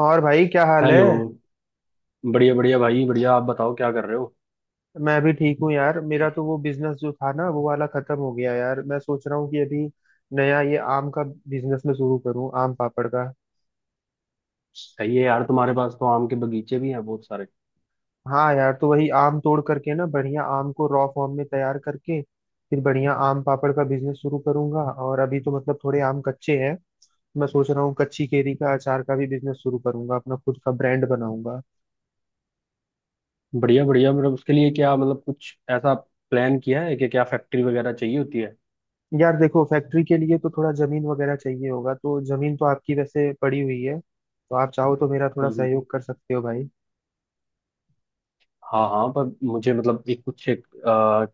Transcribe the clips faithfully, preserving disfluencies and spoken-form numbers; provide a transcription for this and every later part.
और भाई क्या हाल हेलो। है। बढ़िया बढ़िया भाई बढ़िया। आप बताओ, क्या कर रहे हो? मैं भी ठीक हूँ यार। मेरा तो वो बिजनेस जो था ना वो वाला खत्म हो गया यार। मैं सोच रहा हूँ कि अभी नया ये आम का बिजनेस में शुरू करूँ, आम पापड़ का। सही है यार, तुम्हारे पास तो आम के बगीचे भी हैं बहुत सारे। हाँ यार, तो वही आम तोड़ करके ना बढ़िया आम को रॉ फॉर्म में तैयार करके फिर बढ़िया आम पापड़ का बिजनेस शुरू करूंगा। और अभी तो मतलब थोड़े आम कच्चे हैं। मैं सोच रहा हूँ कच्ची केरी का अचार का भी बिजनेस शुरू करूंगा, अपना खुद का ब्रांड बनाऊंगा। बढ़िया बढ़िया, मतलब उसके लिए क्या, मतलब कुछ ऐसा प्लान किया है कि क्या फैक्ट्री वगैरह चाहिए होती है? यार देखो, फैक्ट्री के लिए तो थोड़ा जमीन वगैरह चाहिए होगा, तो जमीन तो आपकी वैसे पड़ी हुई है, तो आप चाहो तो मेरा थोड़ा हम्म हम्म। सहयोग कर सकते हो भाई। हाँ हाँ, पर मुझे मतलब एक कुछ एक, आ,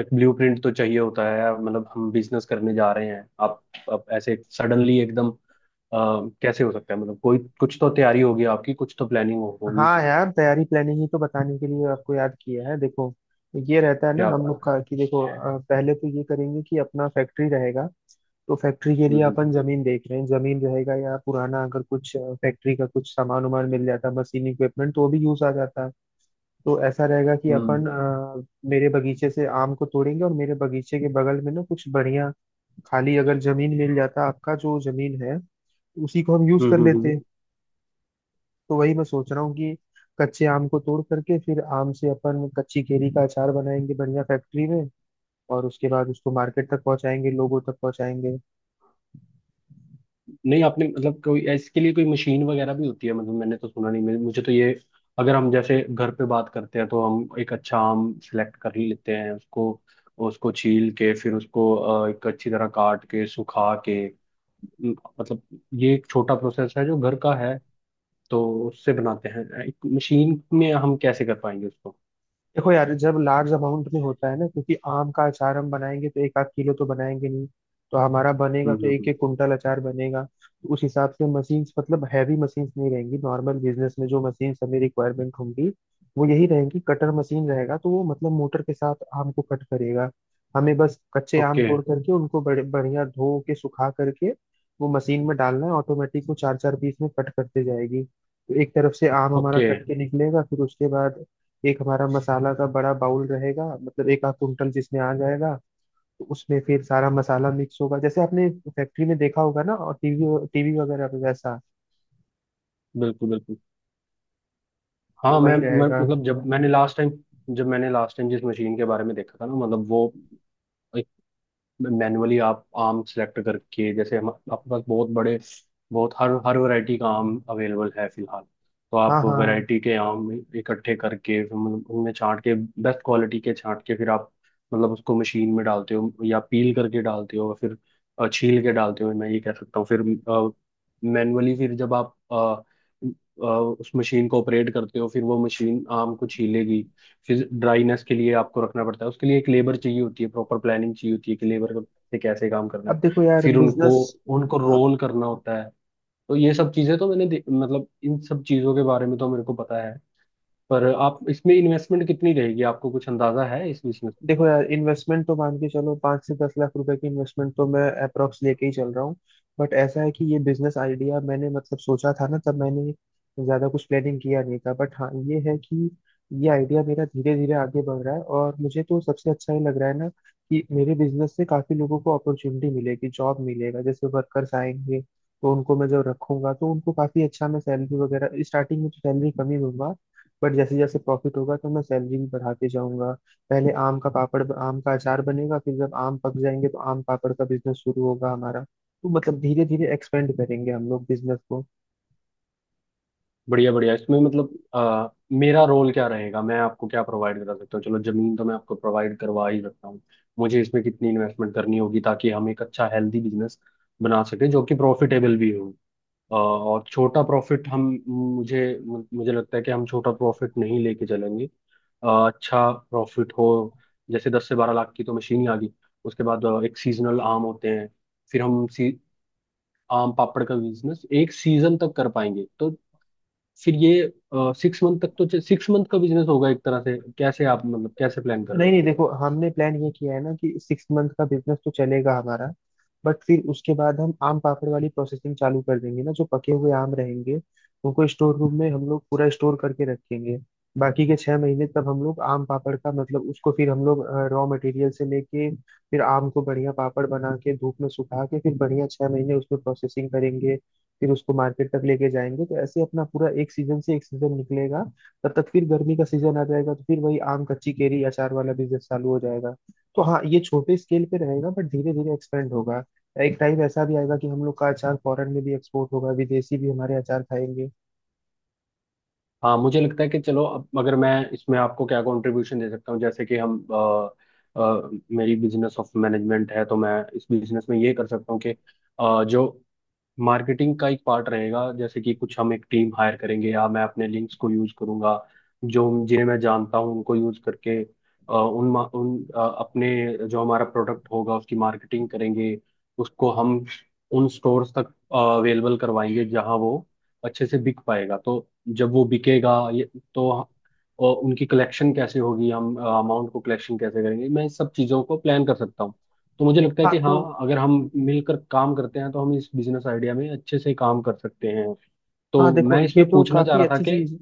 एक ब्लूप्रिंट तो चाहिए होता है, मतलब हम बिजनेस करने जा रहे हैं आप, अब ऐसे सडनली एकदम आ, कैसे हो सकता है? मतलब कोई कुछ तो तैयारी होगी आपकी, कुछ तो प्लानिंग होगी। हाँ यार, तैयारी प्लानिंग ही तो बताने के लिए आपको याद किया है। देखो ये रहता है ना क्या हम बात लोग है। का कि देखो अ, पहले तो ये करेंगे कि अपना फैक्ट्री रहेगा। तो फैक्ट्री के लिए हम्म, अपन जमीन देख रहे हैं। जमीन रहेगा या पुराना, अगर कुछ फैक्ट्री का कुछ सामान वामान मिल जाता, मशीन इक्विपमेंट तो वो भी यूज आ जाता है। तो ऐसा रहेगा कि हम्म, हम्म, अपन अ, मेरे बगीचे से आम को तोड़ेंगे, और मेरे बगीचे के बगल में ना कुछ बढ़िया खाली अगर जमीन मिल जाता, आपका जो जमीन है उसी को हम यूज हम्म, कर हम्म, हम्म। लेते। तो वही मैं सोच रहा हूँ कि कच्चे आम को तोड़ करके फिर आम से अपन कच्ची केरी का अचार बनाएंगे बढ़िया फैक्ट्री में। और उसके बाद उसको मार्केट तक पहुंचाएंगे, लोगों तक पहुंचाएंगे। नहीं, आपने मतलब कोई इसके लिए कोई मशीन वगैरह भी होती है? मतलब मैंने तो सुना नहीं। मेरे- मुझे तो ये, अगर हम जैसे घर पे बात करते हैं तो हम एक अच्छा आम सिलेक्ट कर ही लेते हैं उसको उसको छील के फिर उसको अ, एक अच्छी तरह काट के सुखा के, म, मतलब ये एक छोटा प्रोसेस है जो घर का है। तो उससे बनाते हैं, एक मशीन में हम कैसे कर पाएंगे उसको? देखो यार, जब लार्ज अमाउंट में होता है ना, क्योंकि आम का अचार हम बनाएंगे तो एक आध किलो तो बनाएंगे नहीं। तो हमारा बनेगा हम्म तो हम्म एक हम्म। एक कुंटल अचार बनेगा। तो उस हिसाब से मशीन्स, मतलब हैवी मशीन्स नहीं रहेंगी, नॉर्मल बिजनेस में जो मशीन्स हमें रिक्वायरमेंट होंगी वो यही रहेंगी। कटर मशीन रहेगा, तो वो मतलब मोटर के साथ आम को कट करेगा। हमें बस कच्चे आम ओके तोड़ करके उनको बड़े बढ़िया धो के सुखा करके वो मशीन में डालना है। ऑटोमेटिक वो चार चार पीस में कट करते जाएगी। तो एक तरफ से आम हमारा ओके। कट के निकलेगा, फिर उसके बाद एक हमारा मसाला का बड़ा बाउल रहेगा, मतलब एक आध कुंटल जिसमें आ जाएगा। तो उसमें फिर सारा मसाला मिक्स होगा, जैसे आपने फैक्ट्री में देखा होगा ना, और टीवी टीवी वगैरह में वैसा बिल्कुल बिल्कुल। तो हाँ, मैं, वही मैं रहेगा। मतलब जब मैंने लास्ट टाइम जब मैंने लास्ट टाइम जिस मशीन के बारे में देखा था ना, मतलब वो एक, मैनुअली आप आम सेलेक्ट करके, जैसे हम आपके पास बहुत बड़े, बहुत हर हर वैरायटी का आम अवेलेबल है फिलहाल। तो हाँ आप हाँ। वैरायटी के आम इकट्ठे करके फिर उन- उनमें छांट के, बेस्ट क्वालिटी के छांट के फिर आप, मतलब उसको मशीन में डालते हो या पील करके डालते हो फिर? अ, छील के डालते हो, मैं ये कह सकता हूँ। फिर मैनुअली फिर जब आप अ, अ, उस मशीन को ऑपरेट करते हो, फिर वो मशीन आम को छीलेगी। फिर ड्राईनेस के लिए आपको रखना पड़ता है, उसके लिए एक लेबर चाहिए होती है, प्रॉपर प्लानिंग चाहिए होती है कि लेबर से कैसे काम करना है। अब देखो यार फिर उनको बिजनेस, उनको रोल करना होता है। तो ये सब चीजें तो मैंने दे- मतलब इन सब चीजों के बारे में तो मेरे को पता है। पर आप इसमें इन्वेस्टमेंट कितनी रहेगी? आपको कुछ अंदाजा है इस बिजनेस में? देखो यार इन्वेस्टमेंट तो मान के चलो, पाँच से दस लाख रुपए की इन्वेस्टमेंट तो मैं अप्रोक्स लेके ही चल रहा हूँ। बट ऐसा है कि ये बिजनेस आइडिया मैंने मतलब सोचा था ना, तब मैंने ज्यादा कुछ प्लानिंग किया नहीं था। बट हाँ ये है कि ये आइडिया मेरा धीरे धीरे आगे बढ़ रहा है, और मुझे तो सबसे अच्छा ये लग रहा है ना कि मेरे बिजनेस से काफी लोगों को अपॉर्चुनिटी मिलेगी, जॉब मिलेगा। जैसे वर्कर्स आएंगे तो उनको मैं जब रखूंगा तो उनको काफी अच्छा मैं सैलरी वगैरह, स्टार्टिंग में तो सैलरी कम ही दूंगा, बट जैसे जैसे प्रॉफिट होगा तो मैं सैलरी भी बढ़ाते जाऊंगा। पहले आम का पापड़, आम का अचार बनेगा। फिर जब आम पक जाएंगे तो आम पापड़ का बिजनेस शुरू होगा हमारा, तो मतलब धीरे धीरे एक्सपेंड करेंगे हम लोग बिजनेस को। बढ़िया बढ़िया। इसमें मतलब अ, मेरा रोल क्या रहेगा, मैं आपको क्या प्रोवाइड करा सकता हूँ? चलो, जमीन तो मैं आपको प्रोवाइड करवा ही सकता हूँ। मुझे इसमें कितनी इन्वेस्टमेंट करनी होगी ताकि हम एक अच्छा हेल्दी बिजनेस बना सके जो कि प्रॉफिटेबल भी हो? अ, और छोटा प्रॉफिट हम, मुझे मुझे लगता है कि हम छोटा प्रॉफिट नहीं लेके चलेंगे। अ, अच्छा प्रॉफिट हो, जैसे दस से बारह लाख की तो मशीन ही आ गई। उसके बाद अ, एक सीजनल आम होते हैं। फिर हम, सी आम पापड़ का बिजनेस एक सीजन तक कर पाएंगे। तो फिर ये सिक्स मंथ तक, तो सिक्स मंथ का बिजनेस होगा एक तरह से। कैसे आप, मतलब कैसे प्लान कर रहे नहीं हो? नहीं, देखो हमने प्लान ये किया है ना कि सिक्स मंथ का बिजनेस तो चलेगा हमारा। बट फिर उसके बाद हम आम पापड़ वाली प्रोसेसिंग चालू कर देंगे ना, जो पके हुए आम रहेंगे उनको स्टोर रूम में हम लोग पूरा स्टोर करके रखेंगे। बाकी के छह महीने तब हम लोग आम पापड़ का, मतलब उसको फिर हम लोग रॉ मटेरियल से लेके फिर आम को बढ़िया पापड़ बना के धूप में सुखा के फिर बढ़िया छह महीने उसमें प्रोसेसिंग करेंगे। फिर उसको मार्केट तक लेके जाएंगे। तो ऐसे अपना पूरा एक सीजन से एक सीजन निकलेगा। तब तक फिर गर्मी का सीजन आ जाएगा, तो फिर वही आम कच्ची केरी अचार वाला बिजनेस चालू हो जाएगा। तो हाँ, ये छोटे स्केल पे रहेगा बट धीरे धीरे एक्सपेंड होगा। एक टाइम ऐसा भी आएगा कि हम लोग का अचार फॉरेन में भी एक्सपोर्ट होगा, विदेशी भी हमारे अचार खाएंगे। हाँ, मुझे लगता है कि चलो, अब अगर मैं इसमें आपको क्या कंट्रीब्यूशन दे सकता हूँ, जैसे कि हम अ, अ, मेरी बिजनेस ऑफ मैनेजमेंट है, तो मैं इस बिजनेस में ये कर सकता हूँ कि अ, जो मार्केटिंग का एक पार्ट रहेगा, जैसे कि कुछ हम एक टीम हायर करेंगे, या मैं अपने लिंक्स को यूज करूंगा, जो जिन्हें मैं जानता हूं उनको यूज करके, अ, उन मा- उन अ, अपने जो हमारा प्रोडक्ट होगा उसकी मार्केटिंग करेंगे। उसको हम उन स्टोर्स तक अवेलेबल करवाएंगे जहां वो अच्छे से बिक पाएगा। तो जब वो बिकेगा ये, तो अ, उनकी कलेक्शन कैसे होगी, हम अमाउंट को कलेक्शन कैसे करेंगे? मैं इस सब चीज़ों को प्लान कर सकता हूँ। तो मुझे लगता है हाँ कि हाँ, तो अगर हम मिलकर काम करते हैं तो हम इस बिजनेस आइडिया में अच्छे से काम कर सकते हैं। तो हाँ देखो, मैं ये इसमें तो पूछना चाह काफी रहा था अच्छी कि चीज।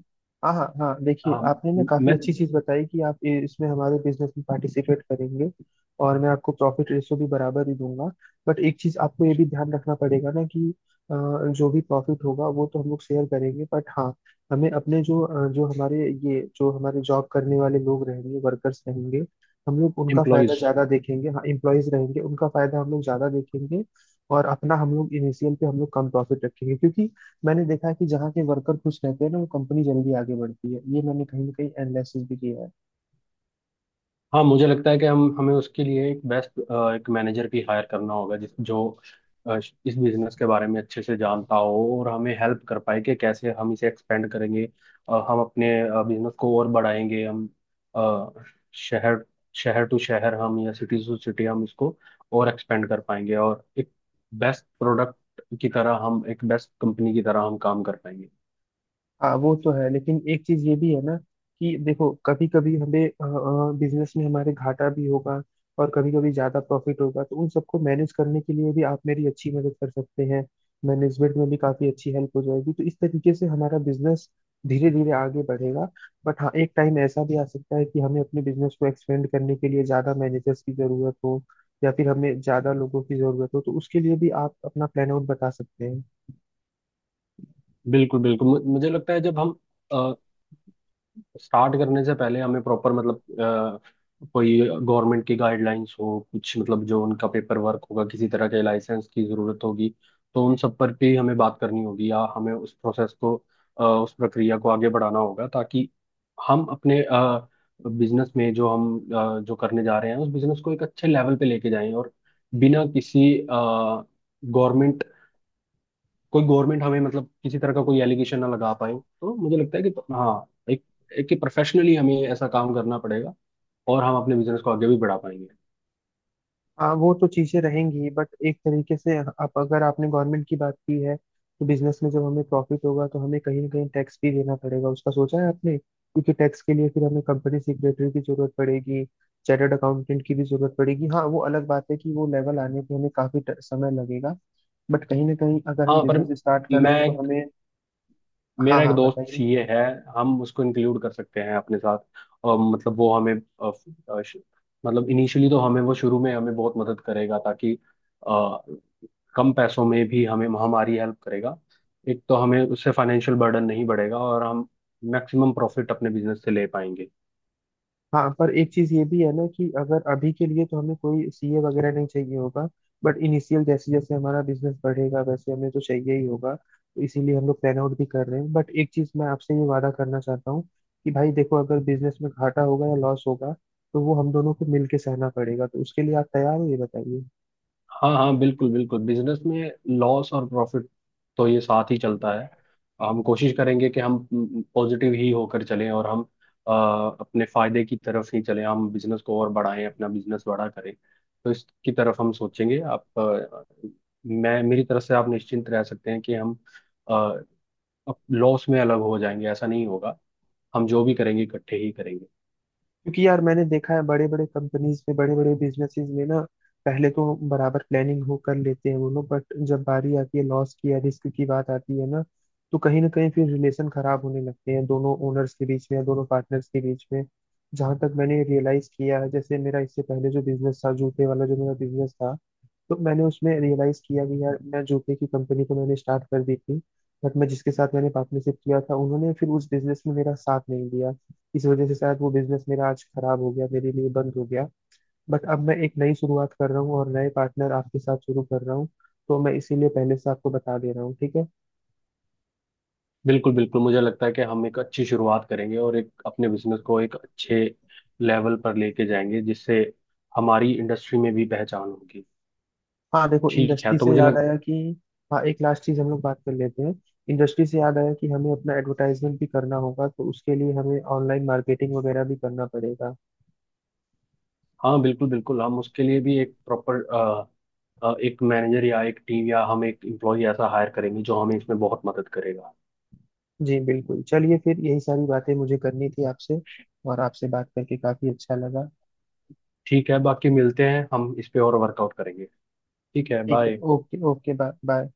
हाँ हाँ हाँ, देखिए हाँ, आपने ना काफी मैं अच्छी चीज बताई कि आप इ- इसमें हमारे बिजनेस में पार्टिसिपेट करेंगे। और मैं आपको प्रॉफिट रेशो भी बराबर ही दूंगा। बट एक चीज आपको ये भी ध्यान रखना पड़ेगा ना कि अ, जो भी प्रॉफिट होगा वो तो हम लोग शेयर करेंगे। बट हाँ, हमें अपने जो अ, जो हमारे ये, जो हमारे जॉब करने वाले लोग रहेंगे, वर्कर्स रहेंगे, हम लोग उनका फायदा एम्प्लॉयज। ज्यादा देखेंगे। हाँ, एम्प्लॉयज रहेंगे, उनका फायदा हम लोग ज्यादा देखेंगे। और अपना हम लोग इनिशियल पे हम लोग कम प्रॉफिट रखेंगे, क्योंकि मैंने देखा है कि जहाँ के वर्कर खुश रहते हैं ना वो कंपनी जल्दी आगे बढ़ती है, ये मैंने कहीं ना कहीं एनालिसिस भी किया है। हाँ, मुझे लगता है कि हम हमें उसके लिए एक बेस्ट एक मैनेजर भी हायर करना होगा, जिस जो अ, इस बिजनेस के बारे में अच्छे से जानता हो और हमें हेल्प कर पाए कि कैसे हम इसे एक्सपेंड करेंगे। अ, हम अपने बिजनेस को और बढ़ाएंगे। हम अ, शहर शहर टू शहर हम या सिटी टू सिटी हम इसको और एक्सपेंड कर पाएंगे, और एक बेस्ट प्रोडक्ट की तरह हम एक बेस्ट कंपनी की तरह हम काम कर पाएंगे। हाँ वो तो है, लेकिन एक चीज ये भी है ना कि देखो, कभी कभी हमें बिजनेस में हमारे घाटा भी होगा और कभी कभी ज्यादा प्रॉफिट होगा, तो उन सबको मैनेज करने के लिए भी आप मेरी अच्छी मदद कर सकते हैं। मैनेजमेंट में भी काफी अच्छी हेल्प हो जाएगी, तो इस तरीके से हमारा बिजनेस धीरे धीरे आगे बढ़ेगा। बट हाँ, एक टाइम ऐसा भी आ सकता है कि हमें अपने बिजनेस को एक्सपेंड करने के लिए ज्यादा मैनेजर्स की जरूरत हो, या फिर हमें ज्यादा लोगों की जरूरत हो। तो उसके लिए भी आप अपना प्लान आउट बता सकते हैं। बिल्कुल बिल्कुल। मु- मुझे लगता है जब हम अ, स्टार्ट करने से पहले, हमें प्रॉपर मतलब अ, कोई गवर्नमेंट की गाइडलाइंस हो, कुछ मतलब जो उनका पेपर वर्क होगा, किसी तरह के लाइसेंस की जरूरत होगी, तो उन सब पर भी हमें बात करनी होगी, या हमें उस प्रोसेस को, अ, उस प्रक्रिया को आगे बढ़ाना होगा, ताकि हम अपने बिजनेस में जो हम अ, जो करने जा रहे हैं उस बिजनेस को एक अच्छे लेवल पे लेके जाएं, और बिना किसी गवर्नमेंट, कोई गवर्नमेंट हमें मतलब किसी तरह का कोई एलिगेशन ना लगा पाए। तो मुझे लगता है कि हाँ, एक एक कि प्रोफेशनली हमें ऐसा काम करना पड़ेगा, और हम अपने बिजनेस को आगे भी बढ़ा पाएंगे। हाँ वो तो चीजें रहेंगी, बट एक तरीके से आप, अगर आपने गवर्नमेंट की बात की है तो बिजनेस में जब हमें प्रॉफिट होगा तो हमें कहीं ना कहीं टैक्स भी देना पड़ेगा, उसका सोचा है आपने? क्योंकि टैक्स के लिए फिर हमें कंपनी सेक्रेटरी की जरूरत पड़ेगी, चार्टर्ड अकाउंटेंट की भी जरूरत पड़ेगी। हाँ वो अलग बात है कि वो लेवल आने पे हमें काफी ट- समय लगेगा। बट कहीं ना कहीं अगर हम हाँ, पर बिजनेस स्टार्ट कर मैं रहे हैं तो एक, हमें। हाँ मेरा एक हाँ दोस्त बताइए। सीए है। हम उसको इंक्लूड कर सकते हैं अपने साथ, और मतलब वो हमें अ, अ, श- मतलब इनिशियली तो हमें वो शुरू में हमें बहुत मदद करेगा, ताकि अ, कम पैसों में भी हमें हमारी हेल्प करेगा। एक तो हमें उससे फाइनेंशियल बर्डन नहीं बढ़ेगा और हम मैक्सिमम प्रॉफिट अपने बिजनेस से ले पाएंगे। हाँ पर एक चीज ये भी है ना कि अगर अभी के लिए तो हमें कोई सीए वगैरह नहीं चाहिए होगा। बट इनिशियल जैसे जैसे हमारा बिजनेस बढ़ेगा वैसे हमें तो चाहिए ही होगा, तो इसीलिए हम लोग प्लान आउट भी कर रहे हैं। बट एक चीज मैं आपसे ये वादा करना चाहता हूँ कि भाई देखो, अगर बिजनेस में घाटा होगा या लॉस होगा तो वो हम दोनों को मिलके सहना पड़ेगा। तो उसके लिए आप तैयार हो ये बताइए। हाँ हाँ, बिल्कुल बिल्कुल। बिजनेस में लॉस और प्रॉफिट तो ये साथ ही चलता है। हम कोशिश करेंगे कि हम पॉजिटिव ही होकर चलें और हम अ, अपने फायदे की तरफ ही चलें, हम बिजनेस को और बढ़ाएं, अपना बिजनेस बड़ा करें। तो इसकी तरफ हम सोचेंगे, आप अ, मैं मेरी तरफ से आप निश्चिंत रह सकते हैं कि हम लॉस में अलग हो जाएंगे, ऐसा नहीं होगा। हम जो भी करेंगे इकट्ठे ही करेंगे। क्योंकि यार मैंने देखा है, बड़े बड़े कंपनीज में, बड़े बड़े बिजनेसेस में ना, पहले तो बराबर प्लानिंग हो कर लेते हैं वो लोग, बट जब बारी आती है, लॉस की या रिस्क की बात आती है ना, तो कहीं ना कहीं फिर रिलेशन खराब होने लगते हैं दोनों ओनर्स के बीच में या दोनों पार्टनर्स के बीच में। जहां तक मैंने रियलाइज किया है, जैसे मेरा इससे पहले जो बिजनेस था जूते वाला जो मेरा बिजनेस था, तो मैंने उसमें रियलाइज किया कि यार मैं जूते की कंपनी तो मैंने स्टार्ट कर दी थी, बट मैं जिसके साथ मैंने पार्टनरशिप किया था उन्होंने फिर उस बिजनेस में मेरा साथ नहीं दिया। इस वजह से शायद वो बिजनेस मेरा आज खराब हो गया, मेरे लिए बंद हो गया। बट अब मैं एक नई शुरुआत कर रहा हूँ और नए पार्टनर आपके साथ शुरू कर रहा हूँ, तो मैं इसीलिए पहले से आपको बता दे रहा हूँ, ठीक है। बिल्कुल बिल्कुल, मुझे लगता है कि हम एक अच्छी शुरुआत करेंगे और एक अपने बिजनेस को एक अच्छे लेवल पर लेके जाएंगे, जिससे हमारी इंडस्ट्री में भी पहचान होगी। हाँ देखो, ठीक है इंडस्ट्री तो से मुझे याद लग, आया कि, हाँ एक लास्ट चीज हम लोग बात कर लेते हैं। इंडस्ट्री से याद आया कि हमें अपना एडवर्टाइजमेंट भी करना होगा, तो उसके लिए हमें ऑनलाइन मार्केटिंग वगैरह भी करना पड़ेगा। हाँ बिल्कुल बिल्कुल। हम उसके लिए भी एक प्रॉपर एक मैनेजर या एक टीम या हम एक एम्प्लॉय ऐसा हायर करेंगे जो हमें इसमें बहुत मदद करेगा। जी बिल्कुल, चलिए फिर यही सारी बातें मुझे करनी थी आपसे, और आपसे बात करके काफी अच्छा लगा। ठीक है, बाकी मिलते हैं, हम इस पे और वर्कआउट करेंगे। ठीक है, ठीक है, bye. Okay okay, bye bye.